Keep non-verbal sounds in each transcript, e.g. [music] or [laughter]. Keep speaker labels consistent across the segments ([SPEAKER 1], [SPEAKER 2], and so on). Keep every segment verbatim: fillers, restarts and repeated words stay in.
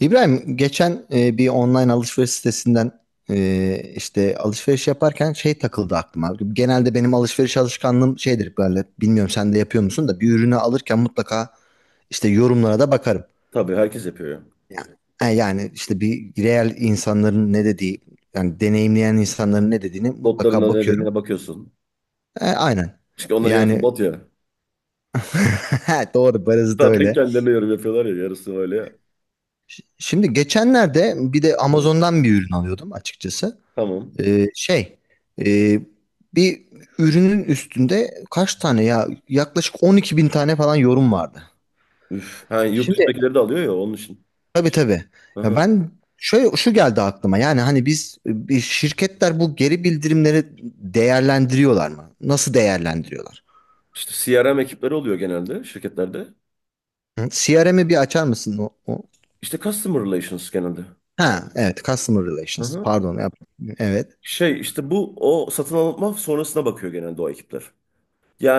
[SPEAKER 1] İbrahim geçen e, bir online alışveriş sitesinden e, işte alışveriş yaparken şey takıldı aklıma. Genelde benim alışveriş alışkanlığım şeydir, böyle bilmiyorum, sen de yapıyor musun, da bir ürünü alırken mutlaka işte yorumlara da bakarım.
[SPEAKER 2] Tabii herkes yapıyor ya.
[SPEAKER 1] Yani, e, yani işte bir real insanların ne dediği, yani deneyimleyen insanların ne dediğini
[SPEAKER 2] Botların
[SPEAKER 1] mutlaka
[SPEAKER 2] da
[SPEAKER 1] bakıyorum.
[SPEAKER 2] nedenine bakıyorsun.
[SPEAKER 1] E, aynen.
[SPEAKER 2] Çünkü onların yarısı
[SPEAKER 1] Yani
[SPEAKER 2] bot
[SPEAKER 1] [laughs]
[SPEAKER 2] ya.
[SPEAKER 1] doğru
[SPEAKER 2] [laughs]
[SPEAKER 1] barızı da
[SPEAKER 2] Zaten
[SPEAKER 1] öyle.
[SPEAKER 2] kendilerine yorum yapıyorlar ya. Yarısı öyle ya.
[SPEAKER 1] Ş- Şimdi geçenlerde bir de
[SPEAKER 2] Evet.
[SPEAKER 1] Amazon'dan bir ürün alıyordum, açıkçası.
[SPEAKER 2] Tamam.
[SPEAKER 1] Ee, şey, e, bir ürünün üstünde kaç tane, ya yaklaşık on iki bin tane falan yorum vardı.
[SPEAKER 2] Üf. Ha, yurt
[SPEAKER 1] Şimdi,
[SPEAKER 2] dışındakileri de alıyor ya onun için.
[SPEAKER 1] tabii, tabii. Ya
[SPEAKER 2] Aha.
[SPEAKER 1] ben şöyle, şu geldi aklıma. Yani hani biz, bir şirketler bu geri bildirimleri değerlendiriyorlar mı? Nasıl değerlendiriyorlar?
[SPEAKER 2] İşte C R M ekipleri oluyor genelde şirketlerde.
[SPEAKER 1] Hı? C R M'yi bir açar mısın? O, o-
[SPEAKER 2] İşte Customer Relations genelde.
[SPEAKER 1] Ha, evet, Customer Relations.
[SPEAKER 2] Aha.
[SPEAKER 1] Pardon. yap- Evet.
[SPEAKER 2] Şey işte bu o satın alma sonrasına bakıyor genelde o ekipler.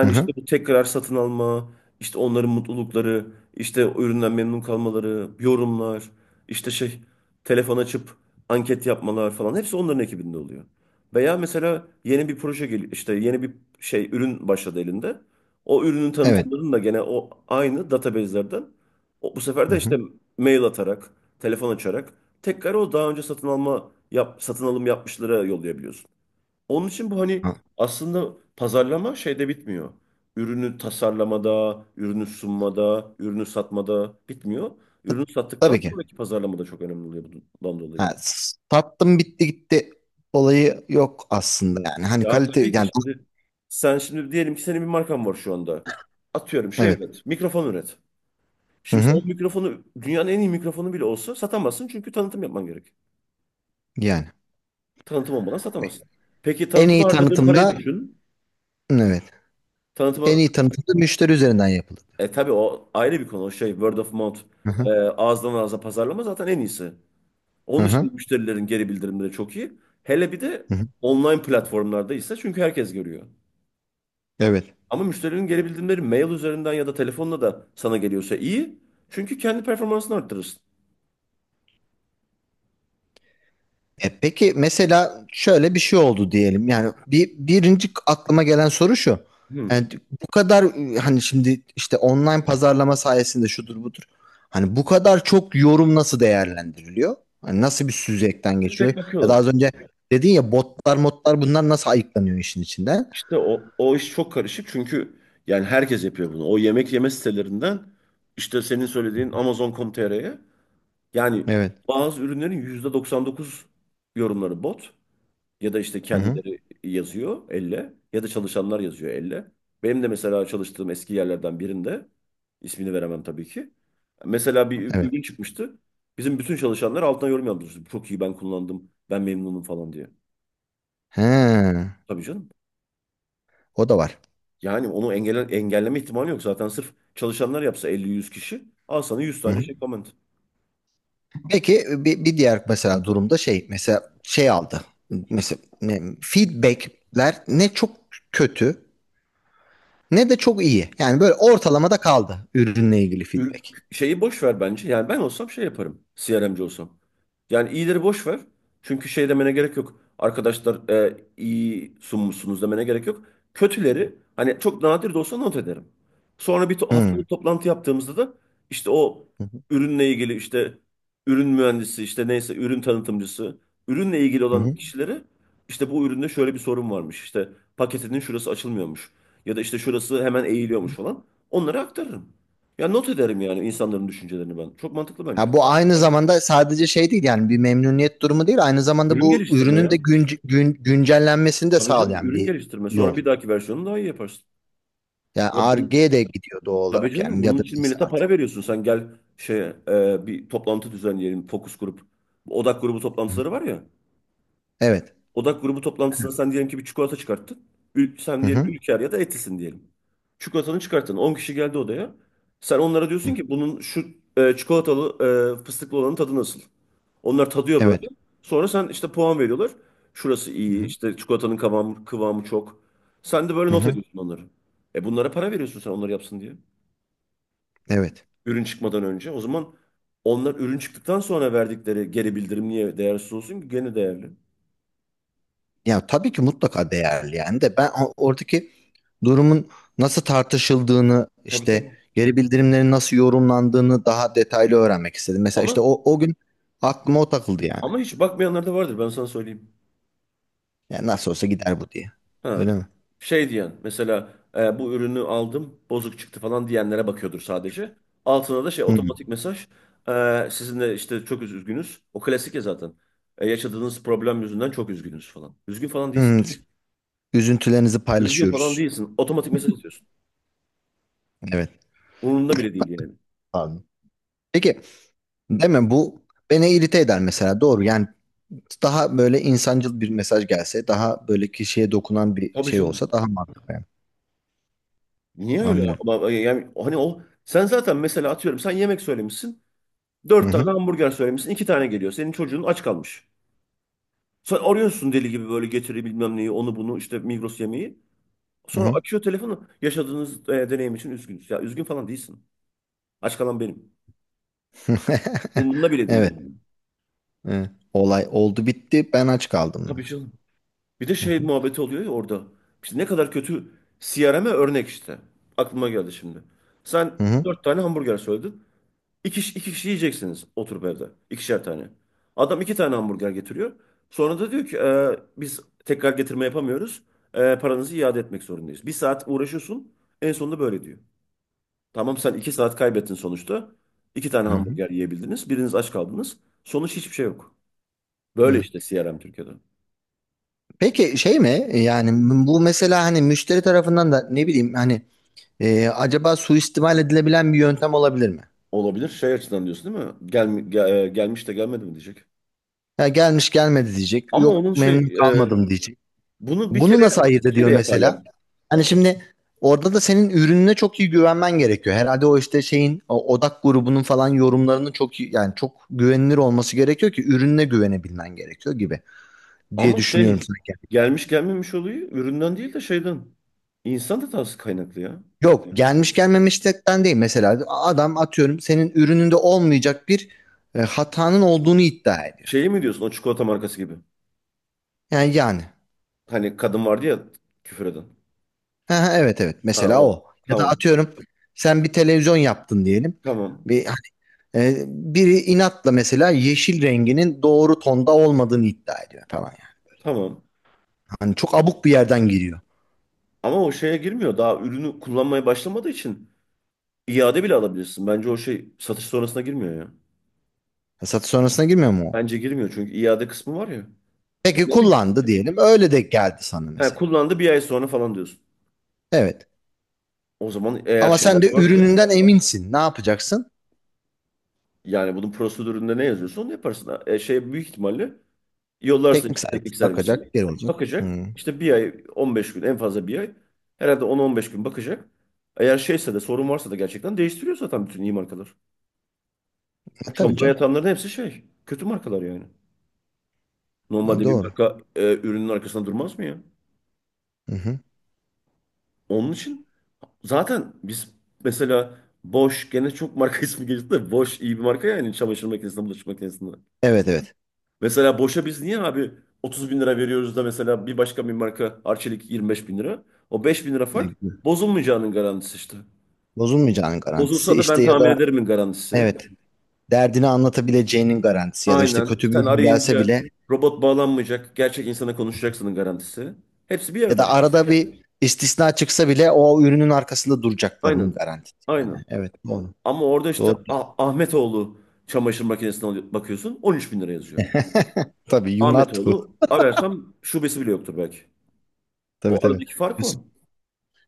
[SPEAKER 1] Hı
[SPEAKER 2] işte
[SPEAKER 1] hı.
[SPEAKER 2] bu tekrar satın alma, işte onların mutlulukları, işte o üründen memnun kalmaları, yorumlar, işte şey telefon açıp anket yapmalar falan hepsi onların ekibinde oluyor. Veya mesela yeni bir proje geliyor, işte yeni bir şey ürün başladı elinde. O ürünün
[SPEAKER 1] Evet.
[SPEAKER 2] tanıtımlarını da gene o aynı database'lerden o, bu sefer de
[SPEAKER 1] Hı hı.
[SPEAKER 2] işte mail atarak, telefon açarak tekrar o daha önce satın alma yap, satın alım yapmışlara yollayabiliyorsun. Onun için bu hani
[SPEAKER 1] Ha,
[SPEAKER 2] aslında pazarlama şeyde bitmiyor. Ürünü tasarlamada, ürünü sunmada, ürünü satmada bitmiyor. Ürünü
[SPEAKER 1] tabii
[SPEAKER 2] sattıktan
[SPEAKER 1] ki.
[SPEAKER 2] sonraki pazarlama da çok önemli oluyor bundan dolayı.
[SPEAKER 1] Ha, sattım bitti gitti olayı yok aslında yani. Hani
[SPEAKER 2] Ya
[SPEAKER 1] kalite
[SPEAKER 2] tabii ki
[SPEAKER 1] yani,
[SPEAKER 2] şimdi sen şimdi diyelim ki senin bir markan var şu anda. Atıyorum şey
[SPEAKER 1] evet.
[SPEAKER 2] üret, mikrofon üret.
[SPEAKER 1] Hı
[SPEAKER 2] Şimdi sen
[SPEAKER 1] hı.
[SPEAKER 2] o mikrofonu dünyanın en iyi mikrofonu bile olsa satamazsın, çünkü tanıtım yapman gerek.
[SPEAKER 1] Yani
[SPEAKER 2] Tanıtım olmadan satamazsın. Peki
[SPEAKER 1] en
[SPEAKER 2] tanıtıma
[SPEAKER 1] iyi
[SPEAKER 2] harcadığın parayı
[SPEAKER 1] tanıtımda,
[SPEAKER 2] düşün.
[SPEAKER 1] evet. En
[SPEAKER 2] Tanıtıma
[SPEAKER 1] iyi tanıtımda müşteri üzerinden yapılır.
[SPEAKER 2] E tabii o ayrı bir konu. O şey word of mouth,
[SPEAKER 1] Hı hı.
[SPEAKER 2] e, ağızdan ağza pazarlama zaten en iyisi.
[SPEAKER 1] Hı
[SPEAKER 2] Onun için
[SPEAKER 1] hı.
[SPEAKER 2] müşterilerin geri bildirimleri çok iyi. Hele bir de
[SPEAKER 1] Hı hı.
[SPEAKER 2] online platformlarda ise, çünkü herkes görüyor.
[SPEAKER 1] Evet.
[SPEAKER 2] Ama müşterinin geri bildirimleri mail üzerinden ya da telefonla da sana geliyorsa iyi. Çünkü kendi performansını arttırırsın.
[SPEAKER 1] E peki mesela şöyle bir şey oldu diyelim. Yani bir birinci aklıma gelen soru şu.
[SPEAKER 2] Hmm.
[SPEAKER 1] Yani bu kadar e, hani şimdi işte online pazarlama sayesinde şudur budur. Hani bu kadar çok yorum nasıl değerlendiriliyor? Hani nasıl bir süzgeçten
[SPEAKER 2] Tek
[SPEAKER 1] geçiyor?
[SPEAKER 2] tek
[SPEAKER 1] Ya da
[SPEAKER 2] bakıyorlar.
[SPEAKER 1] az önce dedin ya, botlar modlar bunlar nasıl ayıklanıyor işin içinden?
[SPEAKER 2] İşte o, o iş çok karışık, çünkü yani herkes yapıyor bunu. O yemek yeme sitelerinden işte senin söylediğin amazon nokta com nokta t r'ye. Yani
[SPEAKER 1] Evet.
[SPEAKER 2] bazı ürünlerin yüzde doksan dokuz yorumları bot, ya da işte
[SPEAKER 1] Hı hı.
[SPEAKER 2] kendileri yazıyor elle ya da çalışanlar yazıyor elle. Benim de mesela çalıştığım eski yerlerden birinde, ismini veremem tabii ki, mesela bir ü-
[SPEAKER 1] Evet.
[SPEAKER 2] ürün çıkmıştı. Bizim bütün çalışanlar altına yorum yazmıştı. Çok iyi, ben kullandım, ben memnunum falan diye.
[SPEAKER 1] He.
[SPEAKER 2] Tabii canım.
[SPEAKER 1] O da var.
[SPEAKER 2] Yani onu engelle engelleme ihtimali yok. Zaten sırf çalışanlar yapsa elli yüz kişi, al sana yüz
[SPEAKER 1] Hı
[SPEAKER 2] tane
[SPEAKER 1] hı.
[SPEAKER 2] şey comment.
[SPEAKER 1] Peki, bir, bir diğer mesela durumda şey, mesela şey aldı. Mesela e, feedbackler ne çok kötü ne de çok iyi. Yani böyle ortalamada kaldı ürünle ilgili
[SPEAKER 2] Ür-
[SPEAKER 1] feedback.
[SPEAKER 2] şeyi boş ver bence. Yani ben olsam şey yaparım. C R M'ci olsam. Yani iyileri boş ver. Çünkü şey demene gerek yok. Arkadaşlar, e, iyi sunmuşsunuz demene gerek yok. Kötüleri hani çok nadir de olsa not ederim. Sonra bir to
[SPEAKER 1] Hmm.
[SPEAKER 2] haftalık toplantı yaptığımızda da işte o
[SPEAKER 1] Hı hı.
[SPEAKER 2] ürünle ilgili, işte ürün mühendisi işte neyse ürün tanıtımcısı, ürünle ilgili
[SPEAKER 1] Hı
[SPEAKER 2] olan
[SPEAKER 1] hı.
[SPEAKER 2] kişileri, işte bu üründe şöyle bir sorun varmış. İşte paketinin şurası açılmıyormuş. Ya da işte şurası hemen eğiliyormuş falan. Onları aktarırım. Ya not ederim yani insanların düşüncelerini ben. Çok mantıklı bence.
[SPEAKER 1] Ha, bu aynı zamanda sadece şey değil, yani bir memnuniyet durumu değil, aynı zamanda
[SPEAKER 2] Ürün
[SPEAKER 1] bu
[SPEAKER 2] geliştirme
[SPEAKER 1] ürünün de
[SPEAKER 2] ya.
[SPEAKER 1] günc- gün, güncellenmesini de
[SPEAKER 2] Tabii canım,
[SPEAKER 1] sağlayan
[SPEAKER 2] ürün
[SPEAKER 1] bir
[SPEAKER 2] geliştirme.
[SPEAKER 1] yol.
[SPEAKER 2] Sonra bir dahaki versiyonu daha iyi yaparsın.
[SPEAKER 1] Yani
[SPEAKER 2] Ya bu,
[SPEAKER 1] Ar-Ge'ye de gidiyor doğal
[SPEAKER 2] tabii
[SPEAKER 1] olarak,
[SPEAKER 2] canım,
[SPEAKER 1] yani ya
[SPEAKER 2] bunun
[SPEAKER 1] da
[SPEAKER 2] için
[SPEAKER 1] neyse
[SPEAKER 2] millete
[SPEAKER 1] artık.
[SPEAKER 2] para veriyorsun. Sen gel, şeye e, bir toplantı düzenleyelim. Fokus grup. Odak grubu
[SPEAKER 1] Hı
[SPEAKER 2] toplantıları
[SPEAKER 1] hı.
[SPEAKER 2] var ya.
[SPEAKER 1] Evet.
[SPEAKER 2] Odak grubu toplantısında sen diyelim ki bir çikolata çıkarttın. Ül- sen
[SPEAKER 1] Hı
[SPEAKER 2] diyelim
[SPEAKER 1] hı.
[SPEAKER 2] Ülker ya da Etis'in diyelim. Çikolatanı çıkarttın. On kişi geldi odaya. Sen onlara diyorsun
[SPEAKER 1] Hı.
[SPEAKER 2] ki bunun şu e, çikolatalı e, fıstıklı olanın tadı nasıl? Onlar tadıyor
[SPEAKER 1] Evet.
[SPEAKER 2] böyle. Sonra sen işte puan veriyorlar. Şurası
[SPEAKER 1] Hı
[SPEAKER 2] iyi,
[SPEAKER 1] hı.
[SPEAKER 2] işte çikolatanın kıvamı, kıvamı çok. Sen de böyle
[SPEAKER 1] Hı
[SPEAKER 2] not
[SPEAKER 1] hı.
[SPEAKER 2] ediyorsun onları. E bunlara para veriyorsun sen onları yapsın diye.
[SPEAKER 1] Evet.
[SPEAKER 2] Ürün çıkmadan önce. O zaman onlar ürün çıktıktan sonra verdikleri geri bildirim niye değersiz olsun ki? Gene değerli.
[SPEAKER 1] Ya tabii ki mutlaka değerli yani, de ben o- oradaki durumun nasıl tartışıldığını,
[SPEAKER 2] Tabii,
[SPEAKER 1] işte
[SPEAKER 2] tabii.
[SPEAKER 1] geri bildirimlerin nasıl yorumlandığını daha detaylı öğrenmek istedim. Mesela işte
[SPEAKER 2] Ama
[SPEAKER 1] o, o gün aklıma o takıldı yani.
[SPEAKER 2] ama hiç bakmayanlar da vardır, ben sana söyleyeyim.
[SPEAKER 1] Yani nasıl olsa gider bu diye.
[SPEAKER 2] Ha.
[SPEAKER 1] Öyle mi?
[SPEAKER 2] Şey diyen mesela, e, bu ürünü aldım bozuk çıktı falan diyenlere bakıyordur sadece. Altına da şey
[SPEAKER 1] Hı.
[SPEAKER 2] otomatik mesaj, e, sizinle işte çok üz- üzgünüz. O klasik ya zaten. E, yaşadığınız problem yüzünden çok üzgünüz falan. Üzgün falan değilsin.
[SPEAKER 1] Hı. Üzüntülerinizi
[SPEAKER 2] Üzgün falan
[SPEAKER 1] paylaşıyoruz.
[SPEAKER 2] değilsin. Otomatik mesaj atıyorsun.
[SPEAKER 1] Evet.
[SPEAKER 2] Umurunda bile değil yani.
[SPEAKER 1] Abi. Peki, değil mi, bu beni irite eder mesela, doğru yani, daha böyle insancıl bir mesaj gelse, daha böyle kişiye dokunan bir
[SPEAKER 2] Tabii
[SPEAKER 1] şey
[SPEAKER 2] canım.
[SPEAKER 1] olsa daha mantıklı yani.
[SPEAKER 2] Niye öyle?
[SPEAKER 1] Anlıyorum.
[SPEAKER 2] Ama, e, Yani hani o, sen zaten mesela atıyorum sen yemek söylemişsin.
[SPEAKER 1] Hı
[SPEAKER 2] Dört
[SPEAKER 1] hı.
[SPEAKER 2] tane hamburger söylemişsin. İki tane geliyor. Senin çocuğun aç kalmış. Sen arıyorsun deli gibi böyle, getiri bilmem neyi onu bunu, işte Migros yemeği.
[SPEAKER 1] Hı
[SPEAKER 2] Sonra
[SPEAKER 1] hı.
[SPEAKER 2] açıyor telefonu. Yaşadığınız e, deneyim için üzgünüz. Ya üzgün falan değilsin. Aç kalan benim.
[SPEAKER 1] [laughs]
[SPEAKER 2] Umurumda bile değil
[SPEAKER 1] Evet.
[SPEAKER 2] yani.
[SPEAKER 1] Evet. Olay oldu bitti. Ben aç kaldım da.
[SPEAKER 2] Tabii canım. Bir de
[SPEAKER 1] Hı
[SPEAKER 2] şey
[SPEAKER 1] hı.
[SPEAKER 2] muhabbeti oluyor ya orada. İşte ne kadar kötü C R M'e örnek işte. Aklıma geldi şimdi. Sen
[SPEAKER 1] Hı hı.
[SPEAKER 2] dört tane hamburger söyledin. İki, iki kişi yiyeceksiniz oturup evde. İkişer tane. Adam iki tane hamburger getiriyor. Sonra da diyor ki, "E, biz tekrar getirme yapamıyoruz. E, paranızı iade etmek zorundayız." Bir saat uğraşıyorsun. En sonunda böyle diyor. Tamam, sen iki saat kaybettin sonuçta. İki tane
[SPEAKER 1] Hı hı.
[SPEAKER 2] hamburger yiyebildiniz. Biriniz aç kaldınız. Sonuç, hiçbir şey yok. Böyle
[SPEAKER 1] Hı.
[SPEAKER 2] işte C R M Türkiye'de.
[SPEAKER 1] Peki şey mi? Yani bu mesela hani müşteri tarafından da, ne bileyim hani, e, acaba suistimal edilebilen bir yöntem olabilir mi?
[SPEAKER 2] Olabilir. Şey açıdan diyorsun değil mi? Gel, gel- gelmiş de gelmedi mi diyecek.
[SPEAKER 1] Ya gelmiş gelmedi diyecek.
[SPEAKER 2] Ama onun
[SPEAKER 1] Yok memnun
[SPEAKER 2] şey e,
[SPEAKER 1] kalmadım diyecek.
[SPEAKER 2] bunu bir kere
[SPEAKER 1] Bunu nasıl ayırt
[SPEAKER 2] bir kere
[SPEAKER 1] ediyor
[SPEAKER 2] yaparlar.
[SPEAKER 1] mesela? Hani şimdi orada da senin ürününe çok iyi güvenmen gerekiyor. Herhalde o işte şeyin, o odak grubunun falan yorumlarının çok iyi, yani çok güvenilir olması gerekiyor ki ürününe güvenebilmen gerekiyor gibi diye
[SPEAKER 2] Ama
[SPEAKER 1] düşünüyorum
[SPEAKER 2] şey,
[SPEAKER 1] sanki.
[SPEAKER 2] gelmiş gelmemiş olayı üründen değil de şeyden. İnsan hatası kaynaklı ya.
[SPEAKER 1] Yok, gelmiş gelmemişlikten değil, mesela adam atıyorum senin ürününde olmayacak bir e, hatanın olduğunu iddia ediyor.
[SPEAKER 2] Şeyi mi diyorsun, o çikolata markası gibi?
[SPEAKER 1] Yani yani
[SPEAKER 2] Hani kadın vardı ya, küfür eden.
[SPEAKER 1] Ha, ha, evet, evet,
[SPEAKER 2] Ha
[SPEAKER 1] mesela
[SPEAKER 2] o.
[SPEAKER 1] o, ya da
[SPEAKER 2] Tamam.
[SPEAKER 1] atıyorum sen bir televizyon yaptın diyelim.
[SPEAKER 2] Tamam.
[SPEAKER 1] Bir E, biri inatla mesela yeşil renginin doğru tonda olmadığını iddia ediyor falan yani.
[SPEAKER 2] Tamam.
[SPEAKER 1] Hani çok abuk bir yerden giriyor.
[SPEAKER 2] Ama o şeye girmiyor. Daha ürünü kullanmaya başlamadığı için iade bile alabilirsin. Bence o şey satış sonrasına girmiyor ya.
[SPEAKER 1] Satış sonrasına girmiyor mu o?
[SPEAKER 2] Bence girmiyor çünkü iade kısmı var ya. Ya
[SPEAKER 1] Peki
[SPEAKER 2] ne bileyim.
[SPEAKER 1] kullandı diyelim. Öyle de geldi sana
[SPEAKER 2] Ha,
[SPEAKER 1] mesela.
[SPEAKER 2] kullandı bir ay sonra falan diyorsun.
[SPEAKER 1] Evet.
[SPEAKER 2] O zaman eğer
[SPEAKER 1] Ama sen
[SPEAKER 2] şeyler de
[SPEAKER 1] de
[SPEAKER 2] varsa,
[SPEAKER 1] ürününden eminsin. Ne yapacaksın?
[SPEAKER 2] yani bunun prosedüründe ne yazıyorsa onu yaparsın. Ha, E, şey büyük ihtimalle yollarsın
[SPEAKER 1] Teknik
[SPEAKER 2] işte
[SPEAKER 1] servis
[SPEAKER 2] teknik servisi.
[SPEAKER 1] bakacak, geri olacak.
[SPEAKER 2] Bakacak.
[SPEAKER 1] Hı.
[SPEAKER 2] İşte bir ay 15 gün, en fazla bir ay. Herhalde on ila on beş gün bakacak. Eğer şeyse de, sorun varsa da gerçekten değiştiriyor zaten bütün iyi markalar. O
[SPEAKER 1] Ha, tabii
[SPEAKER 2] çamura
[SPEAKER 1] canım.
[SPEAKER 2] yatanların hepsi şey. Kötü markalar yani.
[SPEAKER 1] Ha,
[SPEAKER 2] Normalde bir
[SPEAKER 1] doğru.
[SPEAKER 2] marka, e, ürünün arkasında durmaz mı ya?
[SPEAKER 1] Hı hı.
[SPEAKER 2] Onun için zaten biz mesela Bosch, gene çok marka [laughs] ismi geçti de Bosch, iyi bir marka yani çamaşır makinesinde, bulaşık makinesinde.
[SPEAKER 1] Evet, evet.
[SPEAKER 2] Mesela Bosch'a biz niye abi otuz bin lira veriyoruz da mesela bir başka bir marka Arçelik yirmi beş bin lira? O beş bin lira fark, bozulmayacağının garantisi işte.
[SPEAKER 1] Bozulmayacağının garantisi
[SPEAKER 2] Bozulsa da ben
[SPEAKER 1] işte, ya
[SPEAKER 2] tamir
[SPEAKER 1] da,
[SPEAKER 2] ederimin garantisi.
[SPEAKER 1] evet, derdini anlatabileceğinin garantisi, ya da işte
[SPEAKER 2] Aynen.
[SPEAKER 1] kötü bir
[SPEAKER 2] Sen
[SPEAKER 1] ürün gelse
[SPEAKER 2] arayınca
[SPEAKER 1] bile,
[SPEAKER 2] robot bağlanmayacak, gerçek insana konuşacaksının garantisi. Hepsi bir
[SPEAKER 1] ya
[SPEAKER 2] yerde
[SPEAKER 1] da
[SPEAKER 2] işte.
[SPEAKER 1] arada bir istisna çıksa bile o ürünün arkasında duracaklarının
[SPEAKER 2] Aynen.
[SPEAKER 1] garantisi yani.
[SPEAKER 2] Aynen.
[SPEAKER 1] Evet, doğru.
[SPEAKER 2] Ama orada işte
[SPEAKER 1] Doğru.
[SPEAKER 2] Ah- Ahmetoğlu çamaşır makinesine alıyor- bakıyorsun on üç bin lira yazıyor.
[SPEAKER 1] [laughs] Tabii, Yunatu.
[SPEAKER 2] Ahmetoğlu ararsam şubesi bile yoktur belki.
[SPEAKER 1] Tabii,
[SPEAKER 2] O
[SPEAKER 1] tabii.
[SPEAKER 2] aradaki fark o.
[SPEAKER 1] Yusuf,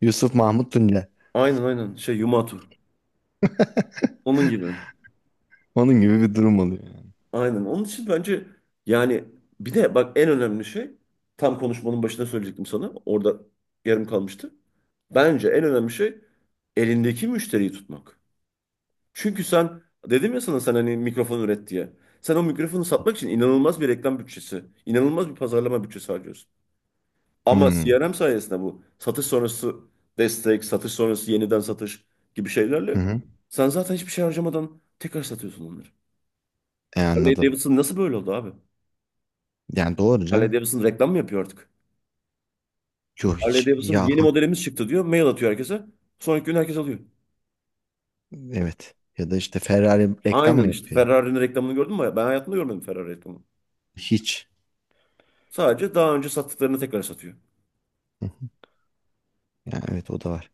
[SPEAKER 1] Yusuf Mahmut Tunca.
[SPEAKER 2] Aynen, aynen, şey Yumatu. Onun gibi.
[SPEAKER 1] Onun gibi bir durum oluyor yani.
[SPEAKER 2] Aynen. Onun için bence, yani bir de bak, en önemli şey, tam konuşmanın başında söyleyecektim sana, orada yarım kalmıştı. Bence en önemli şey elindeki müşteriyi tutmak. Çünkü sen, dedim ya sana, sen hani mikrofon üret diye. Sen o mikrofonu satmak için inanılmaz bir reklam bütçesi, inanılmaz bir pazarlama bütçesi harcıyorsun. Ama
[SPEAKER 1] Hmm.
[SPEAKER 2] C R M sayesinde bu satış sonrası destek, satış sonrası yeniden satış gibi
[SPEAKER 1] Hı
[SPEAKER 2] şeylerle
[SPEAKER 1] hı.
[SPEAKER 2] sen zaten hiçbir şey harcamadan tekrar satıyorsun onları.
[SPEAKER 1] E,
[SPEAKER 2] Harley
[SPEAKER 1] anladım.
[SPEAKER 2] Davidson nasıl böyle oldu abi?
[SPEAKER 1] Yani doğru
[SPEAKER 2] Harley
[SPEAKER 1] canım.
[SPEAKER 2] Davidson reklam mı yapıyor artık?
[SPEAKER 1] Yok,
[SPEAKER 2] Harley
[SPEAKER 1] hiç.
[SPEAKER 2] Davidson
[SPEAKER 1] Ya,
[SPEAKER 2] yeni modelimiz çıktı diyor, mail atıyor herkese. Sonraki gün herkes alıyor.
[SPEAKER 1] evet. Ya da işte Ferrari reklam
[SPEAKER 2] Aynen
[SPEAKER 1] mı
[SPEAKER 2] işte.
[SPEAKER 1] yapıyor?
[SPEAKER 2] Ferrari'nin reklamını gördün mü? Ben hayatımda görmedim Ferrari reklamını.
[SPEAKER 1] Hiç.
[SPEAKER 2] Sadece daha önce sattıklarını tekrar satıyor.
[SPEAKER 1] Hı hı. Yani evet, o da var.